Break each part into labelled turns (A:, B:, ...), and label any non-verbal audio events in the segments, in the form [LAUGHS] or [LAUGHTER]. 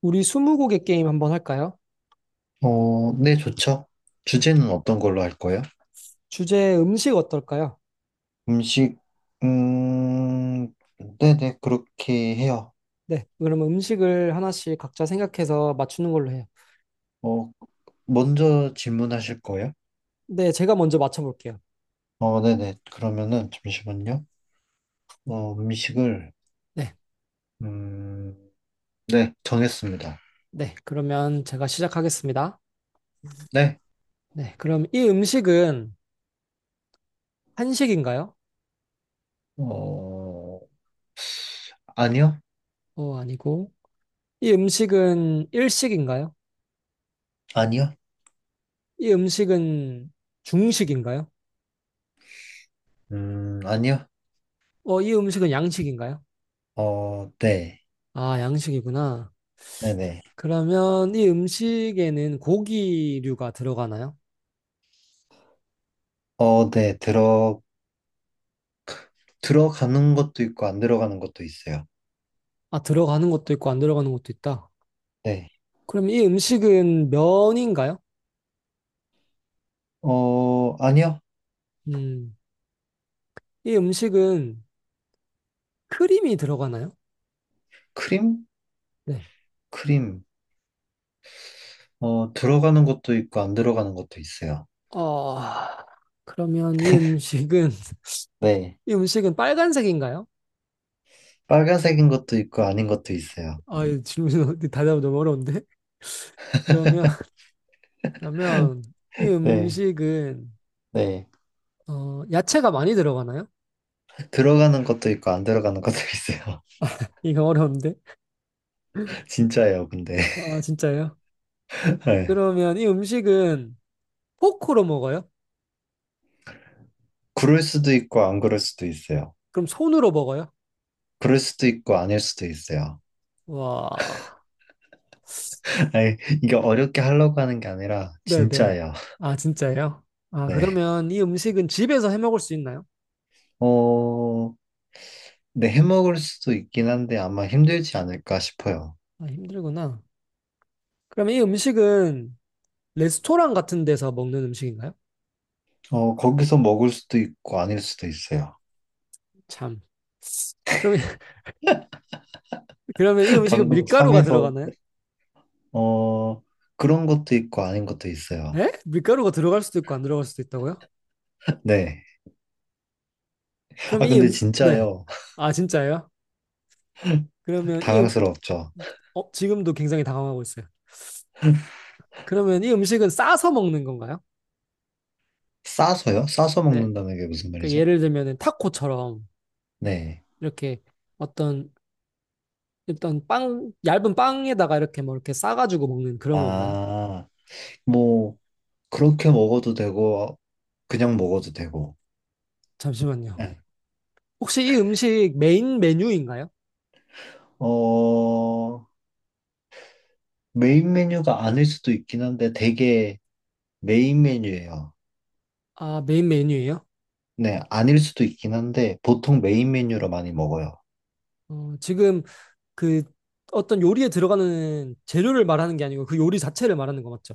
A: 우리 스무고개 게임 한번 할까요?
B: 어, 네, 좋죠.
A: 네.
B: 주제는 어떤 걸로 할 거예요?
A: 주제 음식 어떨까요?
B: 음식, 음, 네네, 그렇게 해요.
A: 네. 그러면 음식을 하나씩 각자 생각해서 맞추는 걸로 해요.
B: 어, 먼저 질문하실 거예요?
A: 네. 제가 먼저 맞춰볼게요.
B: 어, 네네, 그러면은, 잠시만요. 어, 음식을,
A: 네.
B: 음, 네, 정했습니다.
A: 네. 그러면 제가 시작하겠습니다.
B: 네,
A: 네. 그럼 이 음식은 한식인가요?
B: 어, 아니요?
A: 어, 아니고. 이 음식은 일식인가요?
B: 아니요?
A: 이 음식은 중식인가요?
B: 아니요?
A: 어, 이 음식은 양식인가요?
B: 어, 네,
A: 아, 양식이구나.
B: 네네.
A: 그러면 이 음식에는 고기류가 들어가나요?
B: 어, 네, 들어가는 것도 있고, 안 들어가는 것도 있어요.
A: 아, 들어가는 것도 있고 안 들어가는 것도 있다.
B: 네,
A: 그럼 이 음식은 면인가요?
B: 어, 아니요?
A: 음, 이 음식은 크림이 들어가나요?
B: 크림?
A: 네.
B: 크림, 어, 들어가는 것도 있고 안 들어가는 것도 있어요.
A: 어, 그러면 이 음식은, [LAUGHS]
B: 네,
A: 이 음식은 빨간색인가요?
B: 빨간색인 것도 있고 아닌 것도 있어요.
A: 아, 이 질문, [LAUGHS] 대답 너무 어려운데? [LAUGHS] 그러면, 그러면 이
B: 네,
A: 음식은,
B: 네.
A: 어, 야채가 많이 들어가나요?
B: 들어가는 것도 있고 안 들어가는 것도 [LAUGHS] 있어요.
A: 이거 어려운데?
B: 진짜예요, 근데.
A: 아, 진짜요?
B: [LAUGHS] 네.
A: 그러면 이 음식은 포크로 먹어요?
B: 그럴 수도 있고 안 그럴 수도 있어요.
A: 그럼 손으로 먹어요?
B: 그럴 수도 있고 아닐 수도 있어요.
A: 와.
B: [LAUGHS] 아니, 이게 어렵게 하려고 하는 게 아니라
A: 네네.
B: 진짜예요. [LAUGHS]
A: 아, 진짜예요? 아,
B: 네.
A: 그러면 이 음식은 집에서 해 먹을 수 있나요?
B: 어, 네, 해먹을 수도 있긴 한데 아마 힘들지 않을까 싶어요.
A: 아, 힘들구나. 그러면 이 음식은 레스토랑 같은 데서 먹는 음식인가요?
B: 어, 거기서 먹을 수도 있고 아닐 수도 있어요.
A: 참. 그러면, [LAUGHS] 그러면 이
B: [LAUGHS]
A: 음식은
B: 방금
A: 밀가루가
B: 참에서
A: 들어가나요?
B: 어, 그런 것도 있고 아닌 것도 있어요.
A: 에? 밀가루가 들어갈 수도 있고 안 들어갈 수도 있다고요?
B: 네.
A: 그럼
B: 아,
A: 이
B: 근데
A: 네.
B: 진짜요.
A: 아, 진짜예요?
B: [LAUGHS]
A: 그러면 이
B: 당황스럽죠.
A: 어, 지금도 굉장히 당황하고 있어요. 그러면 이 음식은 싸서 먹는 건가요?
B: 싸서요? 싸서
A: 네.
B: 먹는다는 게 무슨
A: 그러니까
B: 말이죠?
A: 예를 들면 타코처럼
B: 네.
A: 이렇게 어떤 일단 빵, 얇은 빵에다가 이렇게 뭐 이렇게 싸가지고 먹는 그런 건가요?
B: 아, 뭐, 그렇게 먹어도 되고, 그냥 먹어도 되고.
A: 잠시만요.
B: 네.
A: 혹시 이 음식 메인 메뉴인가요?
B: 어, 메인 메뉴가 아닐 수도 있긴 한데, 되게 메인 메뉴예요.
A: 아, 메인 메뉴예요?
B: 네, 아닐 수도 있긴 한데, 보통 메인 메뉴로 많이 먹어요.
A: 어, 지금 그 어떤 요리에 들어가는 재료를 말하는 게 아니고 그 요리 자체를 말하는 거 맞죠?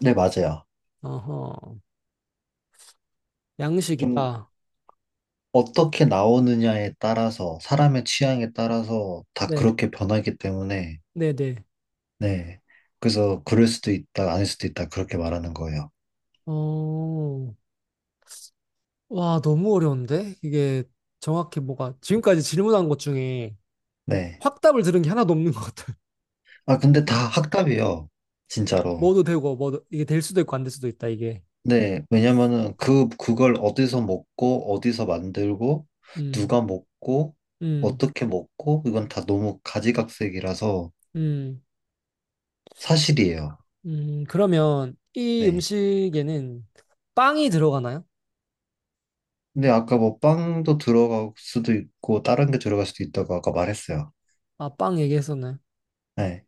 B: 네, 맞아요.
A: 어허,
B: 좀
A: 양식이다.
B: 어떻게 나오느냐에 따라서, 사람의 취향에 따라서 다
A: 네,
B: 그렇게 변하기 때문에,
A: 네, 네.
B: 네. 그래서 그럴 수도 있다, 아닐 수도 있다, 그렇게 말하는 거예요.
A: 어, 와, 너무 어려운데? 이게 정확히 뭐가 지금까지 질문한 것 중에
B: 네.
A: 확답을 들은 게 하나도 없는 것 같아요.
B: 아, 근데 다 학답이에요.
A: [LAUGHS]
B: 진짜로.
A: 뭐도 되고, 뭐도 이게 될 수도 있고 안 될 수도 있다, 이게.
B: 네. 왜냐면은 그, 그걸 어디서 먹고, 어디서 만들고,
A: 음.
B: 누가 먹고,
A: 음.
B: 어떻게 먹고, 이건 다 너무 가지각색이라서
A: 음,
B: 사실이에요.
A: 음, 그러면 이
B: 네.
A: 음식에는 빵이 들어가나요?
B: 근데 아까 뭐 빵도 들어갈 수도 있고, 다른 게 들어갈 수도 있다고 아까 말했어요.
A: 아, 빵 얘기했었나요?
B: 네.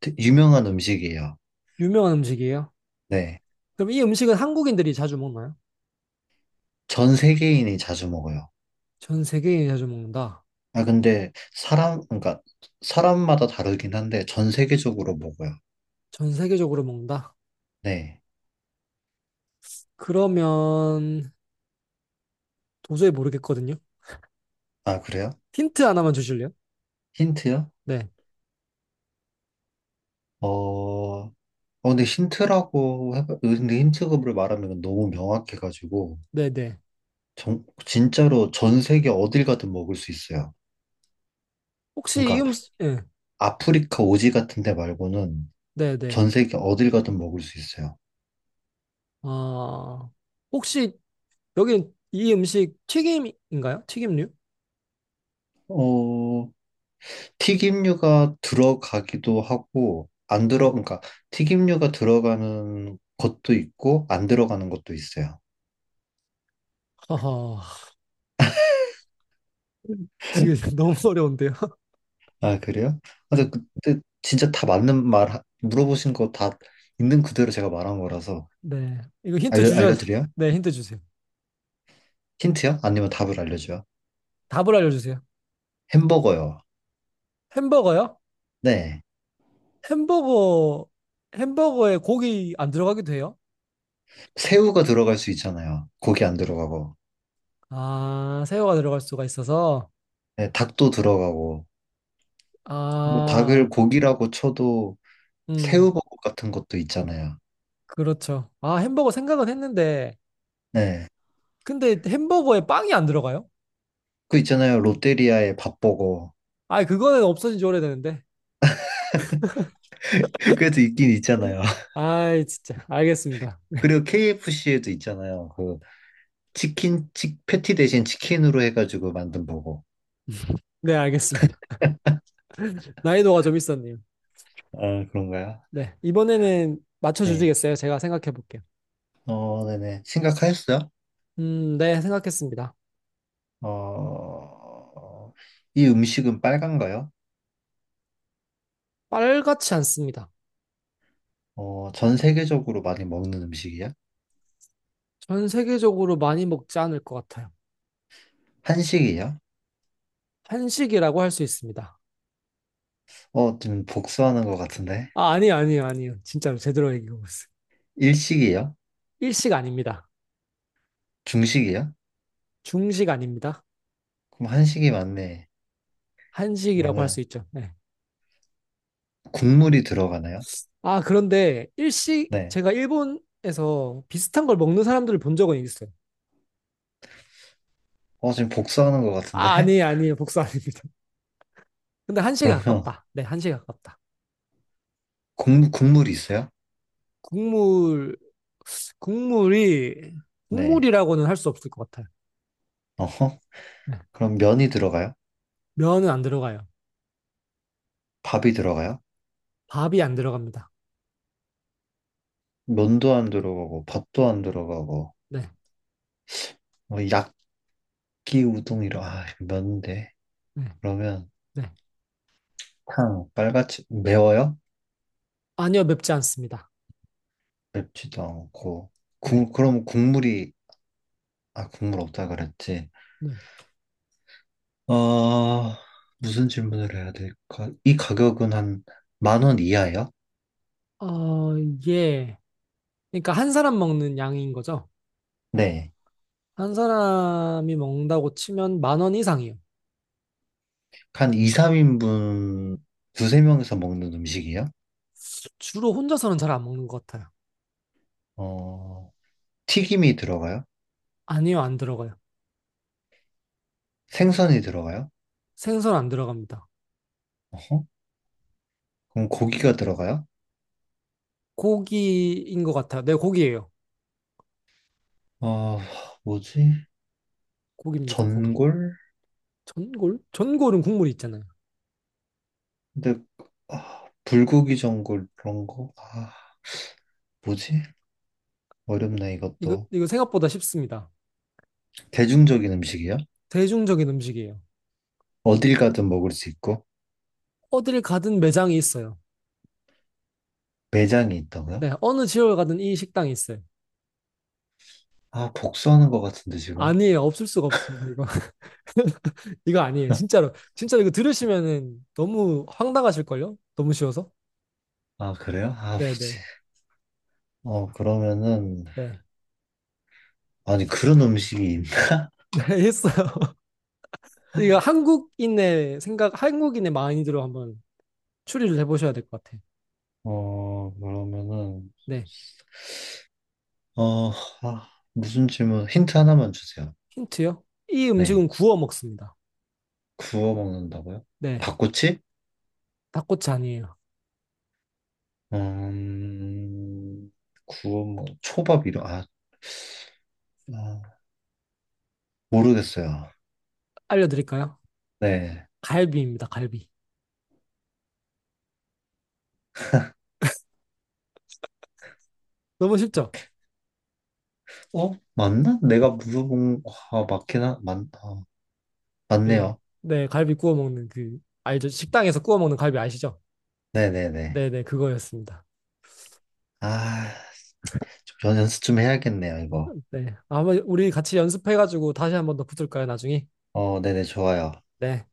B: 유명한 음식이에요.
A: 유명한 음식이에요?
B: 네.
A: 그럼 이 음식은 한국인들이 자주 먹나요?
B: 전 세계인이 자주 먹어요.
A: 전 세계인이 자주 먹는다.
B: 아, 근데 사람, 그러니까 사람마다 다르긴 한데 전 세계적으로 먹어요.
A: 전 세계적으로 먹는다.
B: 네.
A: 그러면 도저히 모르겠거든요.
B: 아, 그래요?
A: 힌트 하나만 주실래요?
B: 힌트요?
A: 네,
B: 어, 어, 근데 힌트라고 해봐, 근데 힌트급을 말하면 너무 명확해가지고,
A: 네, 네.
B: 정, 진짜로 전 세계 어딜 가든 먹을 수 있어요.
A: 혹시 이
B: 그러니까
A: 음식, 예,
B: 아프리카 오지 같은 데 말고는
A: 네, 네.
B: 전 세계 어딜 가든 먹을 수 있어요.
A: 아... 혹시 여기 이 음식 튀김인가요? 튀김류?
B: 어, 튀김류가 들어가기도 하고, 안 들어,
A: 네.
B: 그러니까 튀김류가 들어가는 것도 있고, 안 들어가는 것도 있어요.
A: 허허, 지금 [LAUGHS] 너무 어려운데요. [LAUGHS]
B: 아, 그래요? 아, 근데
A: 네.
B: 그때 진짜 다 맞는 말, 물어보신 거 다 있는 그대로 제가 말한 거라서.
A: 네. 이거 힌트 주셔야 돼.
B: 알려드려요?
A: 네, 힌트 주세요.
B: 힌트요? 아니면 답을 알려줘요?
A: 답을 알려주세요.
B: 햄버거요.
A: 햄버거요?
B: 네.
A: 햄버거, 햄버거에 고기 안 들어가게 돼요?
B: 새우가 들어갈 수 있잖아요. 고기 안 들어가고.
A: 아, 새우가 들어갈 수가 있어서.
B: 네, 닭도 들어가고. 뭐 닭을
A: 아,
B: 고기라고 쳐도
A: 음,
B: 새우버거 같은 것도 있잖아요.
A: 그렇죠. 아, 햄버거 생각은 했는데.
B: 네.
A: 근데 햄버거에 빵이 안 들어가요?
B: 그 있잖아요. 롯데리아의 밥버거.
A: 아, 그거는 없어진 지 오래되는데.
B: [LAUGHS] 그래도 있긴 있잖아요. [LAUGHS]
A: 아이, 진짜. 알겠습니다.
B: 그리고 KFC에도 있잖아요. 그 치킨, 패티 대신 치킨으로 해가지고 만든 버거.
A: 네, 알겠습니다. [LAUGHS] 난이도가 좀 있었네요.
B: 아, 그런가요?
A: 네. 이번에는
B: 네.
A: 맞춰주시겠어요? 제가 생각해 볼게요.
B: 어, 네네. 심각하였어요?
A: 네, 생각했습니다.
B: 어, 이 음식은 빨간가요?
A: 빨갛지 않습니다.
B: 어, 전 세계적으로 많이 먹는 음식이야?
A: 전 세계적으로 많이 먹지 않을 것 같아요.
B: 한식이야?
A: 한식이라고 할 수 있습니다.
B: 어, 지금 복수하는 것 같은데.
A: 아, 아니요, 아니요, 아니요. 진짜로 제대로 얘기하고 있어요.
B: 일식이야?
A: 일식 아닙니다.
B: 중식이야?
A: 중식 아닙니다.
B: 그럼 한식이 맞네.
A: 한식이라고 할 수
B: 그러면
A: 있죠. 네.
B: 국물이 들어가나요?
A: 아, 그런데 일식,
B: 네.
A: 제가 일본에서 비슷한 걸 먹는 사람들을 본 적은 있어요.
B: 어, 지금 복수하는 것
A: 아,
B: 같은데?
A: 아니에요,
B: [LAUGHS]
A: 아니에요. 복수 아닙니다. 근데 한식에
B: 그러면
A: 가깝다. 네, 한식에 가깝다.
B: 국물이 있어요?
A: 국물, 국물이,
B: 네.
A: 국물이라고는 할 수 없을 것 같아요.
B: 어허.
A: 네.
B: [LAUGHS] 그럼 면이 들어가요?
A: 면은 안 들어가요.
B: 밥이 들어가요?
A: 밥이 안 들어갑니다.
B: 면도 안 들어가고, 밥도 안 들어가고,
A: 네,
B: 뭐 약기 우동이라, 아, 이거 면인데.
A: 네,
B: 그러면
A: 네.
B: 탕, 빨갛지, 매워요?
A: 아니요, 맵지 않습니다.
B: 맵지도 않고.
A: 네.
B: 그럼 국물이, 아, 국물 없다 그랬지.
A: 네.
B: 어, 무슨 질문을 해야 될까? 이 가격은 한 만 원 이하예요?
A: 어, 예 그러니까 한 사람 먹는 양인 거죠.
B: 네.
A: 한 사람이 먹는다고 치면 10,000원 이상이에요.
B: 한 2, 3인분 두세 명이서 먹는 음식이요?
A: 주로 혼자서는 잘 안 먹는 것 같아요.
B: 어, 튀김이 들어가요?
A: 아니요, 안 들어가요.
B: 생선이 들어가요?
A: 생선 안 들어갑니다.
B: 어허? 그럼 고기가 들어가요?
A: 고기인 것 같아요. 네, 고기예요.
B: 어, 뭐지?
A: 고기입니다, 고기.
B: 전골?
A: 전골? 전골은 국물이 있잖아요.
B: 근데, 아, 불고기 전골 그런 거? 아, 뭐지? 어렵네,
A: 이거,
B: 이것도.
A: 이거 생각보다 쉽습니다.
B: 대중적인 음식이야?
A: 대중적인 음식이에요.
B: 어딜 가든 먹을 수 있고?
A: 어딜 가든 매장이 있어요.
B: 매장이 있다고요?
A: 네, 어느 지역을 가든 이 식당이 있어요.
B: 아, 복수하는 것 같은데, 지금?
A: 아니에요, 없을 수가 없습니다, 이거. [LAUGHS] 이거 아니에요. 진짜로. 진짜로 이거 들으시면은 너무 황당하실걸요? 너무 쉬워서.
B: 아, 그래요? 아, 뭐지?
A: 네네.
B: 어, 그러면은,
A: 네.
B: 아니, 그런 음식이 있나?
A: [LAUGHS] 네, 했어요. [LAUGHS] 이거 한국인의 생각, 한국인의 마인드로 한번 추리를 해보셔야 될 것 같아요.
B: 어, 그러면은,
A: 네.
B: 어, 무슨 질문, 힌트 하나만 주세요.
A: 힌트요? 이 음식은
B: 네.
A: 구워 먹습니다.
B: 구워 먹는다고요?
A: 네.
B: 닭꼬치?
A: 닭꼬치 아니에요.
B: 음, 초밥 이런, 아, 모르겠어요.
A: 알려드릴까요?
B: 네.
A: 갈비입니다. 갈비. 너무 쉽죠?
B: 어? 맞나? 내가 물어본, 아, 맞긴,
A: 네.
B: 맞네요.
A: 네. 갈비 구워 먹는 그, 알죠? 식당에서 구워 먹는 갈비 아시죠?
B: 네네네.
A: 네네. 그거였습니다.
B: 아, 좀 연습 좀 해야겠네요, 이거.
A: 네. 아마 우리 같이 연습해가지고 다시 한번 더 붙을까요? 나중에?
B: 어, 네네, 좋아요.
A: 네.